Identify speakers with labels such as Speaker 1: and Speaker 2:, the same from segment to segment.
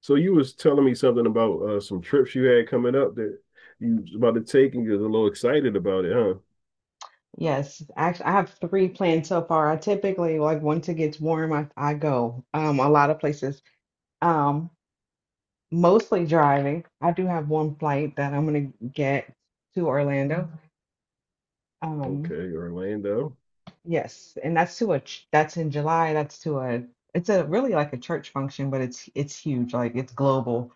Speaker 1: So you was telling me something about some trips you had coming up that you was about to take, and you was a little excited about it, huh?
Speaker 2: Yes, actually, I have three planned so far. I typically like once it gets warm, I go a lot of places. Um, Mostly driving. I do have one flight that I'm gonna get to Orlando. Um,
Speaker 1: Okay, Orlando.
Speaker 2: yes, and that's in July. That's to a It's a really like a church function, but it's huge, like it's global.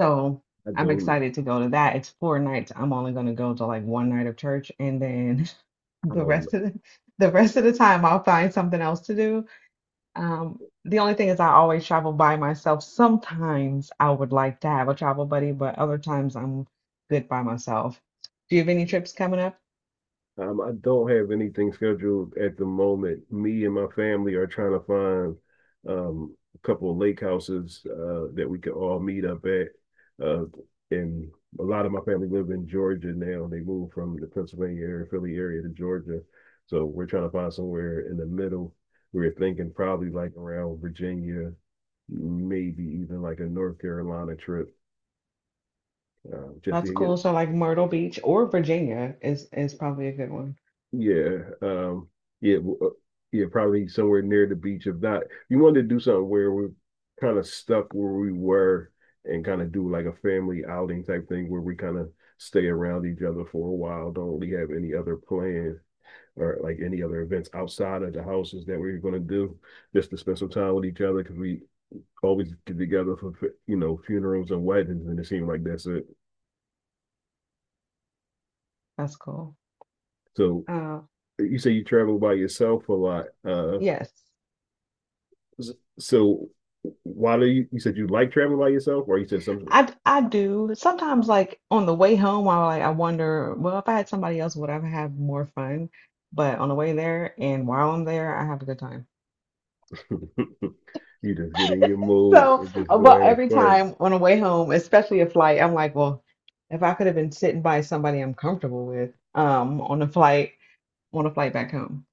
Speaker 2: So
Speaker 1: I
Speaker 2: I'm
Speaker 1: don't,
Speaker 2: excited to go to that. It's 4 nights. I'm only gonna go to like one night of church, and then
Speaker 1: I
Speaker 2: the
Speaker 1: don't
Speaker 2: rest of the the rest of the time I'll find something else to do. The only thing is I always travel by myself. Sometimes I would like to have a travel buddy, but other times I'm good by myself. Do you have any trips coming up?
Speaker 1: I don't have anything scheduled at the moment. Me and my family are trying to find a couple of lake houses that we can all meet up at. Uh, and a lot of my family live in Georgia now. They moved from the Pennsylvania area, Philly area to Georgia. So we're trying to find somewhere in the middle. We're thinking probably like around Virginia, maybe even like a North Carolina trip, just
Speaker 2: That's
Speaker 1: to get
Speaker 2: cool. So like Myrtle Beach or Virginia is probably a good one.
Speaker 1: yeah. Yeah, w- uh, yeah, probably somewhere near the beach. If not, you wanted to do something where we're kind of stuck where we were and kind of do like a family outing type thing where we kind of stay around each other for a while, don't really have any other plan or like any other events outside of the houses that we are going to do just to spend some time with each other because we always get together for, you know, funerals and weddings, and it seemed like that's it.
Speaker 2: That's cool.
Speaker 1: So
Speaker 2: Uh,
Speaker 1: you say you travel by yourself a lot. Uh,
Speaker 2: yes.
Speaker 1: So why do you said you like traveling by yourself, or you said something?
Speaker 2: I do. Sometimes like on the way home, I like I wonder, well, if I had somebody else, would I have had more fun? But on the way there and while I'm there, I have a good time.
Speaker 1: You just get in your mood
Speaker 2: So,
Speaker 1: and just go
Speaker 2: but
Speaker 1: have
Speaker 2: every
Speaker 1: fun.
Speaker 2: time on the way home, especially a flight, I'm like, well, if I could have been sitting by somebody I'm comfortable with, on a flight back home.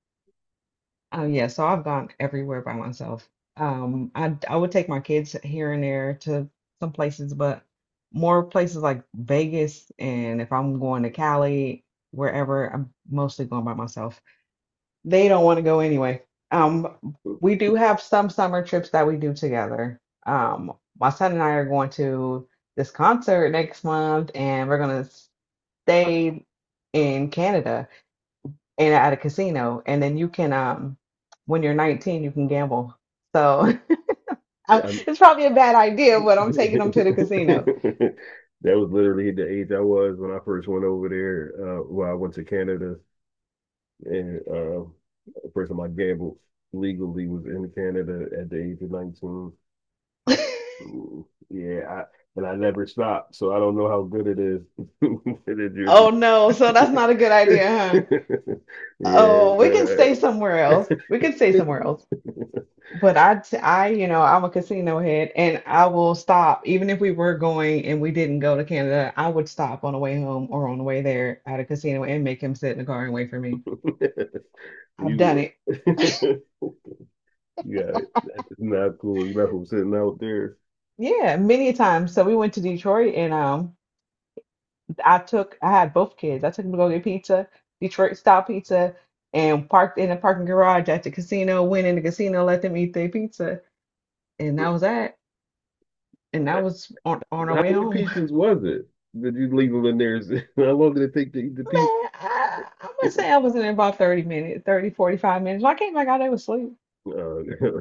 Speaker 2: Oh yeah, so I've gone everywhere by myself. I would take my kids here and there to some places, but more places like Vegas, and if I'm going to Cali, wherever, I'm mostly going by myself. They don't want to go anyway. We do have some summer trips that we do together. Um, my son and I are going to this concert next month, and we're gonna stay in Canada and at a casino. And then you can, when you're 19, you can gamble. So
Speaker 1: Yeah, I-
Speaker 2: it's probably a bad idea, but I'm taking them
Speaker 1: that
Speaker 2: to the casino.
Speaker 1: was literally the age I was when I first went over there. Well, I went to Canada and the first time I gambled legally was in Canada at the age of 19. Mm, Yeah, I, and I never stopped, so I don't know how good it is.
Speaker 2: Oh no, so that's not a good idea, huh?
Speaker 1: Yeah,
Speaker 2: Oh, we can
Speaker 1: right.
Speaker 2: stay somewhere else. We can stay somewhere else. But I'm a casino head, and I will stop even if we were going and we didn't go to Canada. I would stop on the way home or on the way there at a casino and make him sit in the car and wait for me. I've done
Speaker 1: You,
Speaker 2: it,
Speaker 1: yeah, that's not cool. You're not from sitting out there.
Speaker 2: yeah, many times. So we went to Detroit, and I had both kids. I took them to go get pizza, Detroit style pizza, and parked in the parking garage at the casino. Went in the casino, let them eat their pizza, and that was that. And that was on our
Speaker 1: How
Speaker 2: way
Speaker 1: many
Speaker 2: home.
Speaker 1: pizzas was it that you leave them in there? How long did it take to eat the pizza?
Speaker 2: Man, I'm gonna say I was in there about 30 minutes, 30, 45 minutes. When I came back out, they was asleep.
Speaker 1: Uh,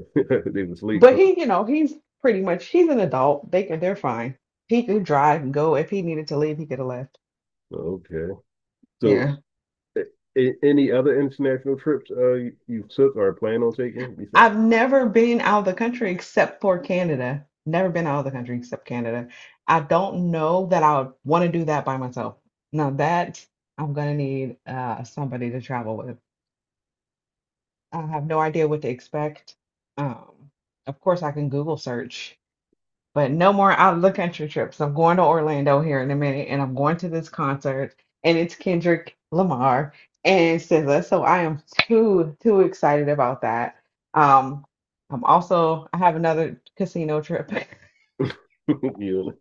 Speaker 1: they were asleep,
Speaker 2: But
Speaker 1: huh?
Speaker 2: he, he's pretty much he's an adult. They're fine. He could drive and go. If he needed to leave, he could have left.
Speaker 1: Okay. So
Speaker 2: Yeah.
Speaker 1: Any other international trips you took or plan on taking? Besides,
Speaker 2: I've never been out of the country except for Canada. Never been out of the country except Canada. I don't know that I would want to do that by myself. Now that I'm gonna need somebody to travel with. I have no idea what to expect. Um, of course I can Google search but no more out of the country trips. I'm going to Orlando here in a minute, and I'm going to this concert, and it's Kendrick Lamar and SZA. So I am too too excited about that. Um, I have another casino trip,
Speaker 1: you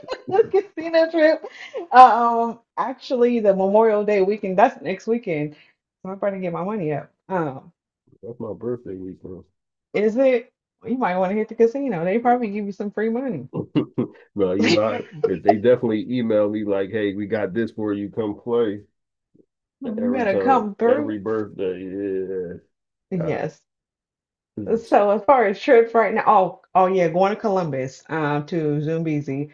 Speaker 2: casino trip. Actually, the Memorial Day weekend. That's next weekend. So I'm trying to get my money up.
Speaker 1: that's my birthday week, bro.
Speaker 2: Is it? You might want to hit the casino. They probably give you some free money.
Speaker 1: No, You know, if they definitely email me like, "Hey, we got this for you. Come play."
Speaker 2: You
Speaker 1: Every
Speaker 2: better
Speaker 1: time,
Speaker 2: come
Speaker 1: every
Speaker 2: through.
Speaker 1: birthday, yeah.
Speaker 2: Yes. So as far as trips right now, oh yeah, going to Columbus, to Zumbezi.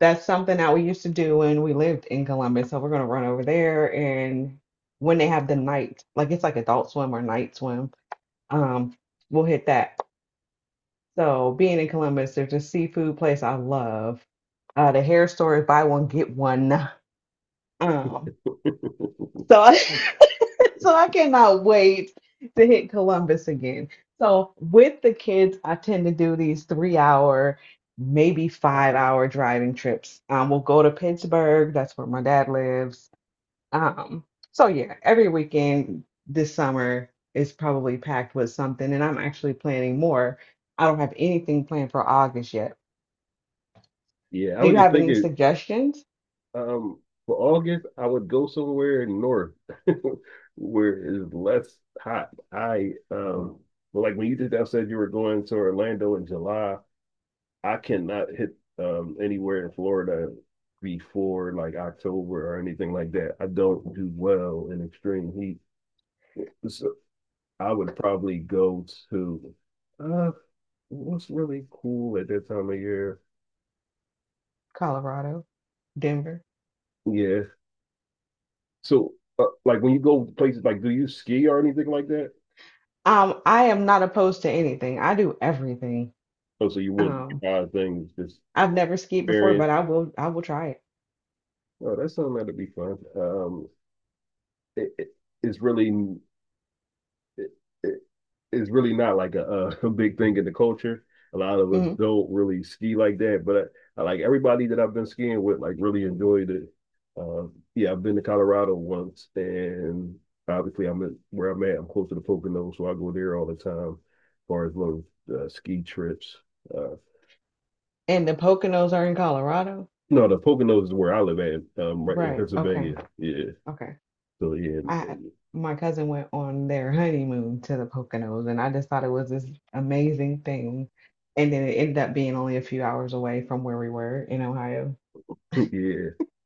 Speaker 2: That's something that we used to do when we lived in Columbus. So we're gonna run over there and when they have the night, like it's like adult swim or night swim, um, we'll hit that. So being in Columbus, there's a seafood place I love. The hair store is buy one, get one. Um, so So I cannot wait to hit Columbus again. So with the kids, I tend to do these 3-hour, maybe 5-hour driving trips. We'll go to Pittsburgh. That's where my dad lives. Um, so yeah, every weekend this summer is probably packed with something, and I'm actually planning more. I don't have anything planned for August yet.
Speaker 1: Yeah, I
Speaker 2: Do
Speaker 1: was
Speaker 2: you
Speaker 1: just
Speaker 2: have any
Speaker 1: thinking
Speaker 2: suggestions?
Speaker 1: Um, for August, I would go somewhere north where it's less hot. I But like when you just now said you were going to Orlando in July, I cannot hit anywhere in Florida before like October or anything like that. I don't do well in extreme heat. So I would probably go to uh what's really cool at that time of year.
Speaker 2: Colorado, Denver.
Speaker 1: Yeah. So like when you go to places like do you ski or anything like that?
Speaker 2: I am not opposed to anything. I do everything.
Speaker 1: Oh, so you willing
Speaker 2: Um,
Speaker 1: to try things, just
Speaker 2: I've never skied before,
Speaker 1: experience.
Speaker 2: but I will try it.
Speaker 1: Oh, that's something that'd be fun. It, it it's really it, it, it's really not like a big thing in the culture. A lot of us
Speaker 2: Hmm.
Speaker 1: don't really ski like that, but I like everybody that I've been skiing with, like really enjoyed it. Yeah, I've been to Colorado once, and obviously where I'm at. I'm close to the Poconos, so I go there all the time. As far as little ski trips, uh,
Speaker 2: And the Poconos are in Colorado?
Speaker 1: no, the Poconos is where I live at, right in
Speaker 2: Right. Okay.
Speaker 1: Pennsylvania. Yeah.
Speaker 2: Okay.
Speaker 1: So yeah,
Speaker 2: I My cousin went on their honeymoon to the Poconos and I just thought it was this amazing thing. And then it ended up being only a few hours away from where we were in Ohio.
Speaker 1: yeah,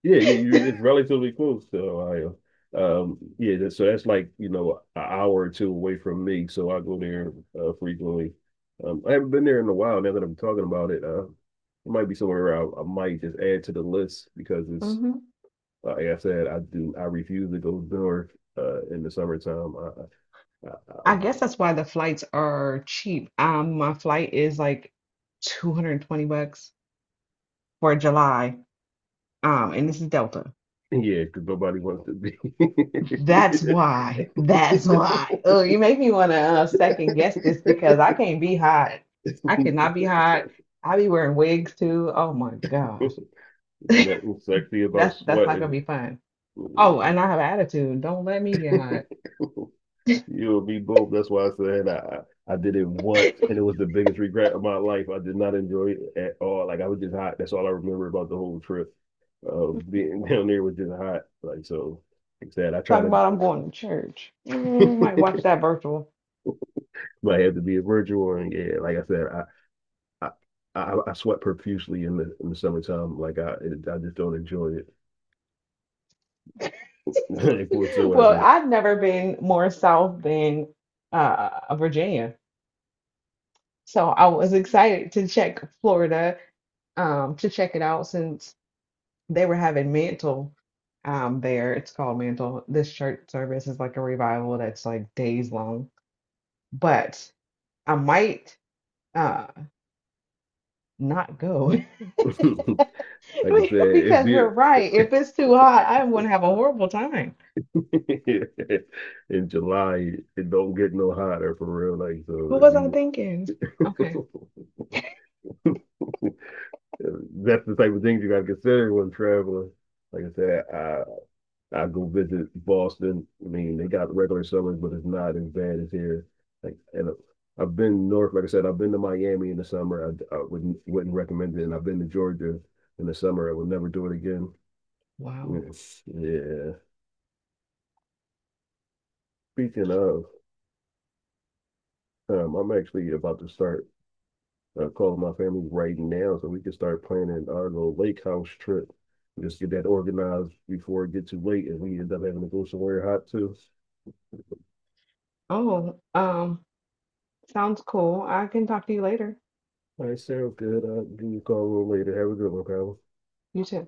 Speaker 1: yeah. It's relatively close to Ohio. Yeah. So that's like you know an hour or two away from me. So I go there frequently. I haven't been there in a while. Now that I'm talking about it, it might be somewhere I might just add to the list because it's
Speaker 2: Hmm.
Speaker 1: like I said, I refuse to go north in the summertime. I
Speaker 2: I guess that's why the flights are cheap. My flight is like 220 bucks for July. And this is Delta.
Speaker 1: Yeah, because nobody wants to be.
Speaker 2: That's why. That's why. Oh, you make me want to second guess this because I can't be hot. I cannot be hot. I be wearing wigs too. Oh my gosh.
Speaker 1: Nothing sexy about
Speaker 2: That's not gonna
Speaker 1: sweating.
Speaker 2: be fun. Oh,
Speaker 1: Yeah.
Speaker 2: and I have attitude. Don't let me get hot.
Speaker 1: You'll be both. That's why I did it once, and it was the biggest regret of my life. I did not enjoy it at all. Like I was just hot. That's all I remember about the whole trip of being down there was just hot. Like so, like I said, I try
Speaker 2: Talking
Speaker 1: to
Speaker 2: about I'm going to church. Might watch that virtual.
Speaker 1: might have to be a virgin one. Yeah, like I said, I, I sweat profusely in the summertime. I just don't enjoy it
Speaker 2: Well,
Speaker 1: whatsoever.
Speaker 2: I've never been more south than Virginia. So I was excited to check Florida, to check it out since they were having mantle there. It's called mantle. This church service is like a revival that's like days long. But I might uh not go
Speaker 1: Like I said, if
Speaker 2: because you're
Speaker 1: you
Speaker 2: right. If it's too hot, I'm gonna have a horrible time.
Speaker 1: in July, it don't get no hotter for real. Like so,
Speaker 2: What
Speaker 1: if
Speaker 2: was I
Speaker 1: you
Speaker 2: thinking? Okay.
Speaker 1: that's the type of things you gotta consider when traveling. Like I said, I go visit Boston. I mean, they got regular summers, but it's not as bad as here. Like, and I've been north, like I said, I've been to Miami in the summer. I wouldn't recommend it. And I've been to Georgia in the summer. I would never do it again.
Speaker 2: Wow.
Speaker 1: Yeah. Speaking of, I'm actually about to start calling my family right now so we can start planning our little lake house trip. Just get that organized before it gets too late and we end up having to go somewhere hot too.
Speaker 2: Oh, sounds cool. I can talk to you later.
Speaker 1: All right, sounds good. I'll give you a call a little later. Have a good one, Kyle.
Speaker 2: You too.